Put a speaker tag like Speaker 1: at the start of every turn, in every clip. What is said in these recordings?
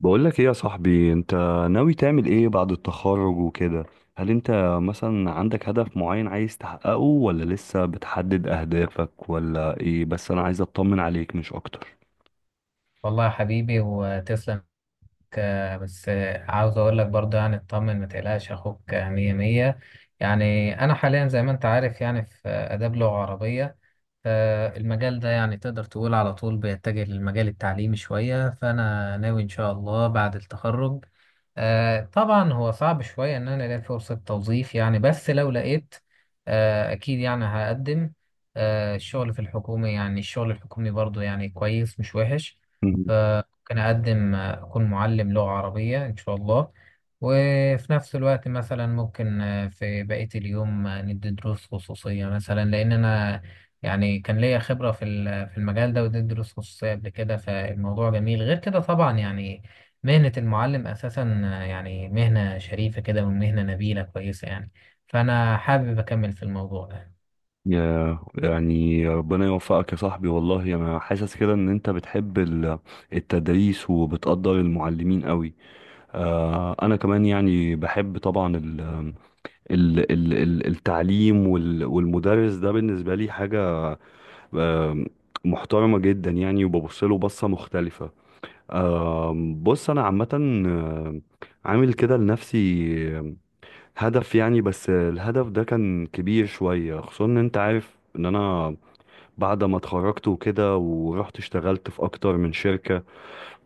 Speaker 1: بقولك ايه يا صاحبي؟ انت ناوي تعمل ايه بعد التخرج وكده؟ هل انت مثلا عندك هدف معين عايز تحققه، ولا لسه بتحدد اهدافك، ولا ايه؟ بس انا عايز اطمن عليك مش اكتر.
Speaker 2: والله يا حبيبي وتسلم. بس عاوز اقول لك برضه يعني اطمن، ما تقلقش اخوك مية مية. يعني انا حاليا زي ما انت عارف يعني في اداب لغة عربية، فالمجال ده يعني تقدر تقول على طول بيتجه للمجال التعليمي شوية، فأنا ناوي إن شاء الله بعد التخرج. طبعا هو صعب شوية إن أنا ألاقي فرصة توظيف يعني، بس لو لقيت أكيد يعني هقدم. الشغل في الحكومة يعني الشغل الحكومي برضو يعني كويس مش وحش.
Speaker 1: مم.
Speaker 2: فممكن أقدم أكون معلم لغة عربية إن شاء الله. وفي نفس الوقت مثلا ممكن في بقية اليوم ندي دروس خصوصية مثلا، لأن أنا يعني كان ليا خبرة في المجال ده، واديت دروس خصوصية قبل كده، فالموضوع جميل. غير كده طبعا يعني مهنة المعلم أساسا يعني مهنة شريفة كده ومهنة نبيلة كويسة يعني، فأنا حابب أكمل في الموضوع ده.
Speaker 1: يا يعني ربنا يوفقك يا صاحبي، والله انا حاسس كده ان انت بتحب التدريس وبتقدر المعلمين قوي. آه، انا كمان يعني بحب طبعا التعليم والمدرس ده بالنسبة لي حاجة، آم، محترمة جدا يعني، وببص له بصة مختلفة. بص، أنا عامة عامل كده لنفسي آم، هدف، يعني بس الهدف ده كان كبير شوية، خصوصا إن أنت عارف إن أنا بعد ما اتخرجت وكده ورحت اشتغلت في أكتر من شركة.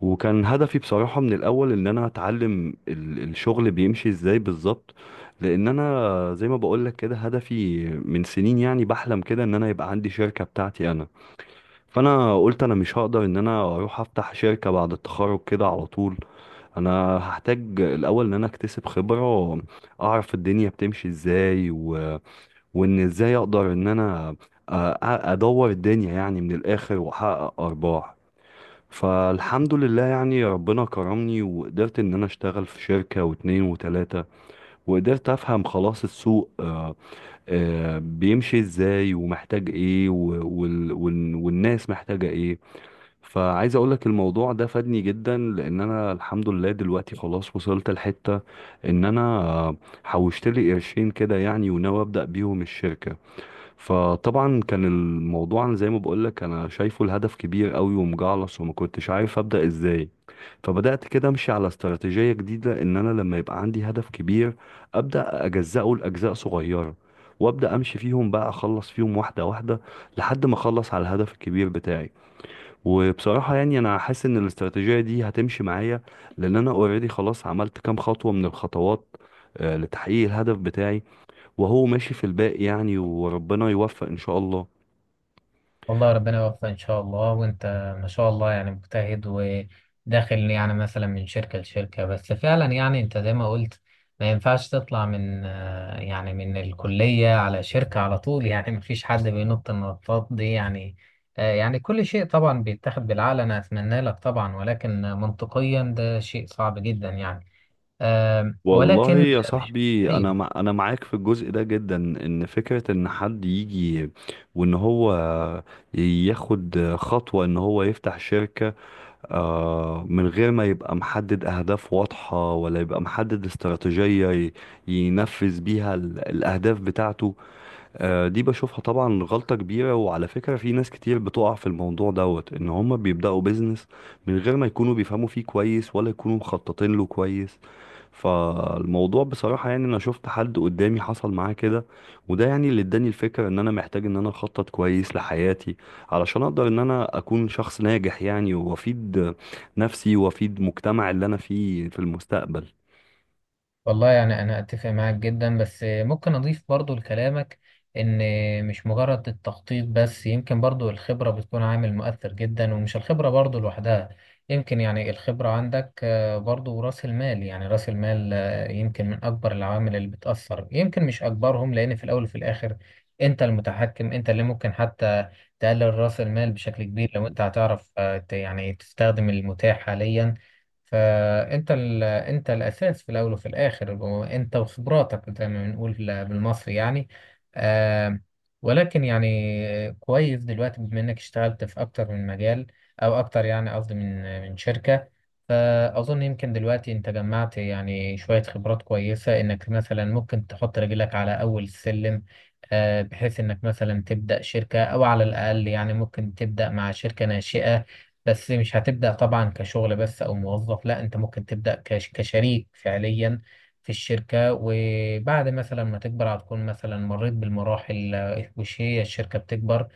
Speaker 1: وكان هدفي بصراحة من الأول إن أنا أتعلم الشغل بيمشي إزاي بالظبط، لأن أنا زي ما بقولك كده هدفي من سنين، يعني بحلم كده إن أنا يبقى عندي شركة بتاعتي أنا. فانا قلت انا مش هقدر ان انا اروح افتح شركة بعد التخرج كده على طول، انا هحتاج الاول ان انا اكتسب خبرة، اعرف الدنيا بتمشي ازاي وان ازاي اقدر ان انا أ- ادور الدنيا يعني من الاخر واحقق ارباح. فالحمد لله يعني ربنا كرمني، وقدرت ان انا اشتغل في شركة واتنين وتلاتة، وقدرت افهم خلاص السوق بيمشي ازاي ومحتاج ايه، والناس محتاجة ايه. فعايز اقول لك الموضوع ده فادني جدا، لان انا الحمد لله دلوقتي خلاص وصلت لحتة ان انا حوشت لي قرشين كده يعني، وناوي ابدا بيهم الشركة. فطبعا كان الموضوع، أنا زي ما بقول لك، انا شايفه الهدف كبير قوي ومجعلص وما كنتش عارف ابدا ازاي. فبدات كده امشي على استراتيجية جديدة، ان انا لما يبقى عندي هدف كبير ابدا اجزأه لاجزاء صغيرة، وابدا امشي فيهم بقى، اخلص فيهم واحدة واحدة، لحد ما اخلص على الهدف الكبير بتاعي. وبصراحة يعني أنا حاسس إن الاستراتيجية دي هتمشي معايا، لأن أنا أوريدي خلاص عملت كام خطوة من الخطوات لتحقيق الهدف بتاعي، وهو ماشي في الباقي يعني، وربنا يوفق إن شاء الله.
Speaker 2: والله ربنا يوفقك ان شاء الله. وانت ما شاء الله يعني مجتهد، وداخل يعني مثلا من شركة لشركة، بس فعلا يعني انت زي ما قلت ما ينفعش تطلع من يعني من الكلية على شركة على طول يعني ما فيش حد بينط النطاط دي يعني. يعني كل شيء طبعا بيتاخد بالعقل، انا اتمنى لك طبعا ولكن منطقيا ده شيء صعب جدا يعني.
Speaker 1: والله
Speaker 2: ولكن
Speaker 1: يا
Speaker 2: مش
Speaker 1: صاحبي، أنا
Speaker 2: مستحيل.
Speaker 1: مع أنا معاك في الجزء ده جدا، إن فكرة إن حد يجي وإن هو ياخد خطوة إن هو يفتح شركة من غير ما يبقى محدد أهداف واضحة، ولا يبقى محدد استراتيجية ينفذ بيها الأهداف بتاعته، دي بشوفها طبعا غلطة كبيرة. وعلى فكرة، في ناس كتير بتقع في الموضوع دوت، إن هما بيبدأوا بيزنس من غير ما يكونوا بيفهموا فيه كويس، ولا يكونوا مخططين له كويس. فالموضوع بصراحة يعني، أنا شفت حد قدامي حصل معاه كده، وده يعني اللي اداني الفكرة إن أنا محتاج إن أنا أخطط كويس لحياتي، علشان أقدر إن أنا أكون شخص ناجح يعني، وأفيد نفسي وأفيد مجتمع اللي أنا فيه في المستقبل.
Speaker 2: والله يعني أنا أتفق معاك جدا، بس ممكن أضيف برضو لكلامك إن مش مجرد التخطيط بس، يمكن برضو الخبرة بتكون عامل مؤثر جدا، ومش الخبرة برضو لوحدها، يمكن يعني الخبرة عندك برضو رأس المال. يعني رأس المال يمكن من أكبر العوامل اللي بتأثر، يمكن مش أكبرهم، لأن في الأول وفي الآخر أنت المتحكم، أنت اللي ممكن حتى تقلل رأس المال بشكل كبير لو أنت هتعرف يعني تستخدم المتاح حاليا. فانت انت الاساس في الاول وفي الاخر، انت وخبراتك زي ما بنقول بالمصري يعني. آه ولكن يعني كويس دلوقتي بما انك اشتغلت في اكتر من مجال، او اكتر يعني قصدي من شركة. فاظن يمكن دلوقتي انت جمعت يعني شوية خبرات كويسة انك مثلا ممكن تحط رجلك على اول السلم، بحيث انك مثلا تبدأ شركة، او على الاقل يعني ممكن تبدأ مع شركة ناشئة. بس مش هتبدأ طبعا كشغل بس أو موظف، لا أنت ممكن تبدأ كشريك فعليا في الشركة، وبعد مثلا ما تكبر هتكون مثلا مريت بالمراحل وش هي الشركة بتكبر.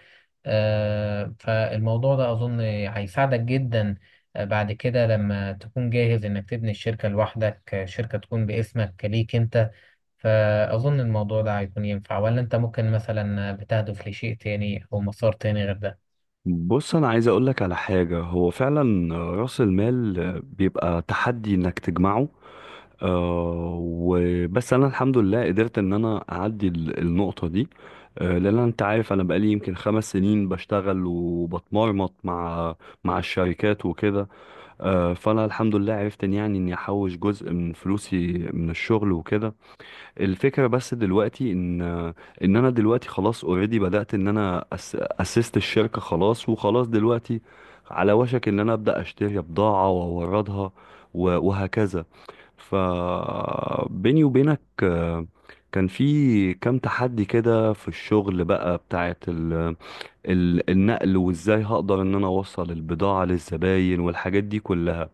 Speaker 2: فالموضوع ده أظن هيساعدك جدا. بعد كده لما تكون جاهز إنك تبني الشركة لوحدك، شركة تكون باسمك ليك أنت. فأظن الموضوع ده هيكون ينفع، ولا أنت ممكن مثلا بتهدف لشيء تاني أو مسار تاني غير ده؟
Speaker 1: بص، أنا عايز أقولك على حاجة، هو فعلا رأس المال بيبقى تحدي إنك تجمعه، آه، وبس انا الحمد لله قدرت ان انا اعدي النقطة دي. آه، لان انت عارف انا بقالي يمكن خمس سنين بشتغل وبتمرمط مع مع الشركات وكده. آه، فانا الحمد لله عرفت ان يعني اني احوش جزء من فلوسي من الشغل وكده. الفكرة بس دلوقتي ان ان انا دلوقتي خلاص اوريدي بدأت ان انا اسست الشركة خلاص، وخلاص دلوقتي على وشك ان انا ابدأ اشتري بضاعة واوردها وهكذا. فبيني وبينك كان في كام تحدي كده في الشغل، بقى بتاعت النقل وازاي هقدر ان انا اوصل البضاعة للزباين والحاجات دي كلها.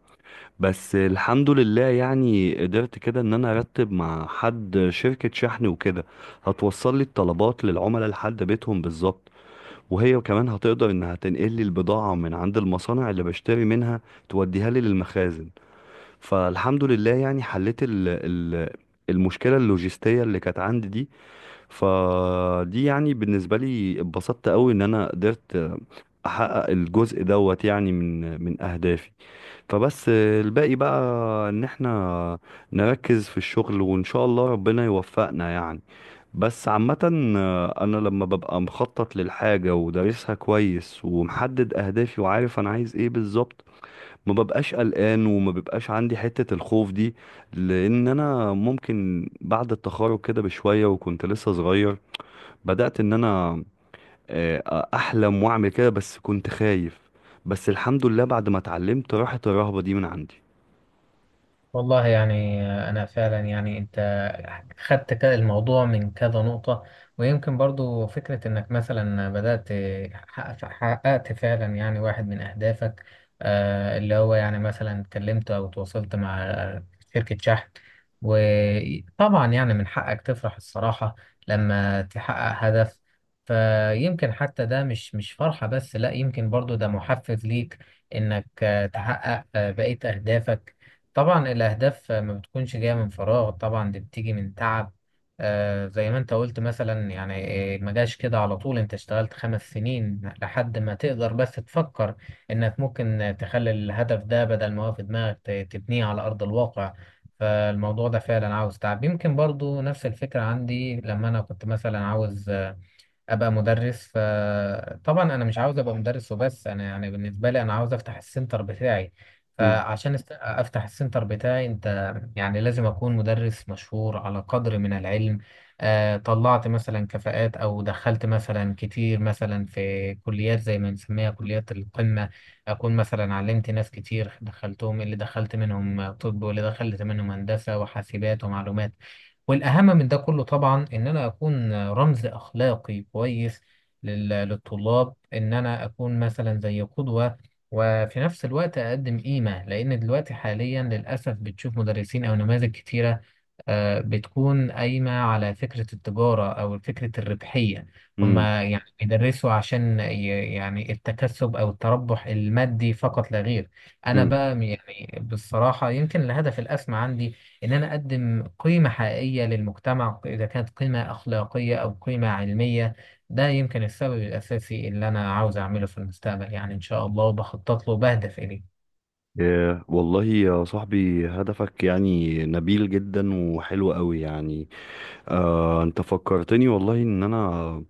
Speaker 1: بس الحمد لله يعني قدرت كده ان انا ارتب مع حد شركة شحن وكده، هتوصل لي الطلبات للعملاء لحد بيتهم بالظبط، وهي كمان هتقدر انها تنقل لي البضاعة من عند المصانع اللي بشتري منها، توديها لي للمخازن. فالحمد لله يعني حليت ال ال المشكلة اللوجستية اللي كانت عندي دي. فدي يعني بالنسبة لي اتبسطت قوي ان انا قدرت احقق الجزء دوت يعني من اهدافي. فبس الباقي بقى ان احنا نركز في الشغل، وان شاء الله ربنا يوفقنا يعني. بس عامة، انا لما ببقى مخطط للحاجة ودارسها كويس ومحدد اهدافي وعارف انا عايز ايه بالظبط، ما ببقاش قلقان وما ببقاش عندي حتة الخوف دي. لان انا ممكن بعد التخرج كده بشوية، وكنت لسه صغير، بدأت ان انا احلم واعمل كده، بس كنت خايف. بس الحمد لله بعد ما اتعلمت راحت الرهبة دي من عندي.
Speaker 2: والله يعني أنا فعلا يعني أنت خدت الموضوع من كذا نقطة، ويمكن برضو فكرة إنك مثلا بدأت حققت فعلا يعني واحد من أهدافك، اللي هو يعني مثلا اتكلمت أو تواصلت مع شركة شحن. وطبعا يعني من حقك تفرح الصراحة لما تحقق هدف، فيمكن حتى ده مش فرحة بس، لا يمكن برضو ده محفز ليك إنك تحقق بقية أهدافك. طبعا الأهداف ما بتكونش جاية من فراغ، طبعا دي بتيجي من تعب. زي ما انت قلت مثلا، يعني ما جاش كده على طول، انت اشتغلت 5 سنين لحد ما تقدر بس تفكر انك ممكن تخلي الهدف ده، بدل ما هو في دماغك، تبنيه على أرض الواقع. فالموضوع ده فعلا عاوز تعب. يمكن برضو نفس الفكرة عندي لما أنا كنت مثلا عاوز ابقى مدرس. طبعا انا مش عاوز ابقى مدرس وبس، انا يعني بالنسبه لي انا عاوز افتح السنتر بتاعي.
Speaker 1: مم.
Speaker 2: فعشان افتح السنتر بتاعي، انت يعني لازم اكون مدرس مشهور على قدر من العلم، طلعت مثلا كفاءات او دخلت مثلا كتير مثلا في كليات زي ما بنسميها كليات القمه. اكون مثلا علمت ناس كتير دخلتهم، اللي دخلت منهم طب واللي دخلت منهم هندسه وحاسبات ومعلومات. والأهم من ده كله طبعا إن أنا أكون رمز أخلاقي كويس للطلاب، إن أنا أكون مثلا زي قدوة. وفي نفس الوقت أقدم قيمة، لأن دلوقتي حاليا للأسف بتشوف مدرسين أو نماذج كتيرة بتكون قايمة على فكرة التجارة أو فكرة الربحية.
Speaker 1: مم.
Speaker 2: هما يعني بيدرسوا عشان يعني التكسب أو التربح المادي فقط لا غير. أنا
Speaker 1: مم.
Speaker 2: بقى يعني بالصراحة يمكن الهدف الأسمى عندي إن أنا أقدم قيمة حقيقية للمجتمع، إذا كانت قيمة أخلاقية أو قيمة علمية. ده يمكن السبب الأساسي اللي أنا عاوز أعمله في المستقبل، يعني إن شاء الله، وبخطط له وبهدف إليه.
Speaker 1: آه، والله يا صاحبي، هدفك يعني نبيل جدا وحلو قوي يعني. آه، انت فكرتني والله ان انا،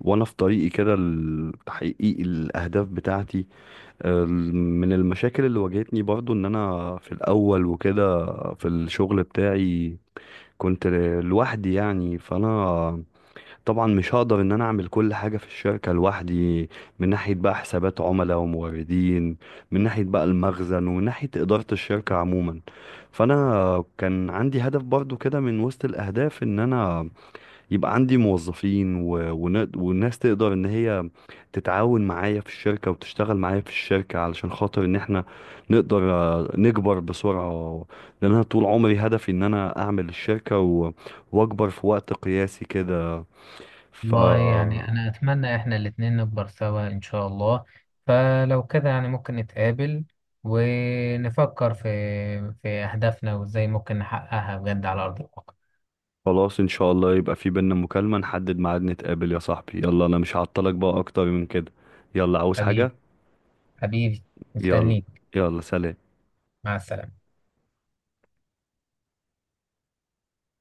Speaker 1: وانا في طريقي كده لتحقيق الاهداف بتاعتي، من المشاكل اللي واجهتني برضو ان انا في الاول وكده، في الشغل بتاعي كنت لوحدي يعني. فانا طبعا مش هقدر ان انا اعمل كل حاجة في الشركة لوحدي، من ناحية بقى حسابات عملاء وموردين، من ناحية بقى المخزن، ومن ناحية إدارة الشركة عموما. فانا كان عندي هدف برضو كده من وسط الاهداف، ان انا يبقى عندي موظفين والناس تقدر ان هي تتعاون معايا في الشركة وتشتغل معايا في الشركة، علشان خاطر ان احنا نقدر نكبر بسرعة. لان انا طول عمري هدفي ان انا اعمل الشركة واكبر في وقت قياسي كده. ف
Speaker 2: والله يعني أنا أتمنى إحنا الاتنين نكبر سوا إن شاء الله. فلو كده يعني ممكن نتقابل ونفكر في أهدافنا وإزاي ممكن نحققها بجد على أرض الواقع.
Speaker 1: خلاص ان شاء الله، يبقى في بينا مكالمة نحدد ميعاد نتقابل يا صاحبي. يلا، انا مش هعطلك بقى اكتر من كده. يلا، عاوز حاجة؟
Speaker 2: حبيبي، حبيبي،
Speaker 1: يلا.
Speaker 2: مستنيك.
Speaker 1: يلا، سلام.
Speaker 2: مع السلامة.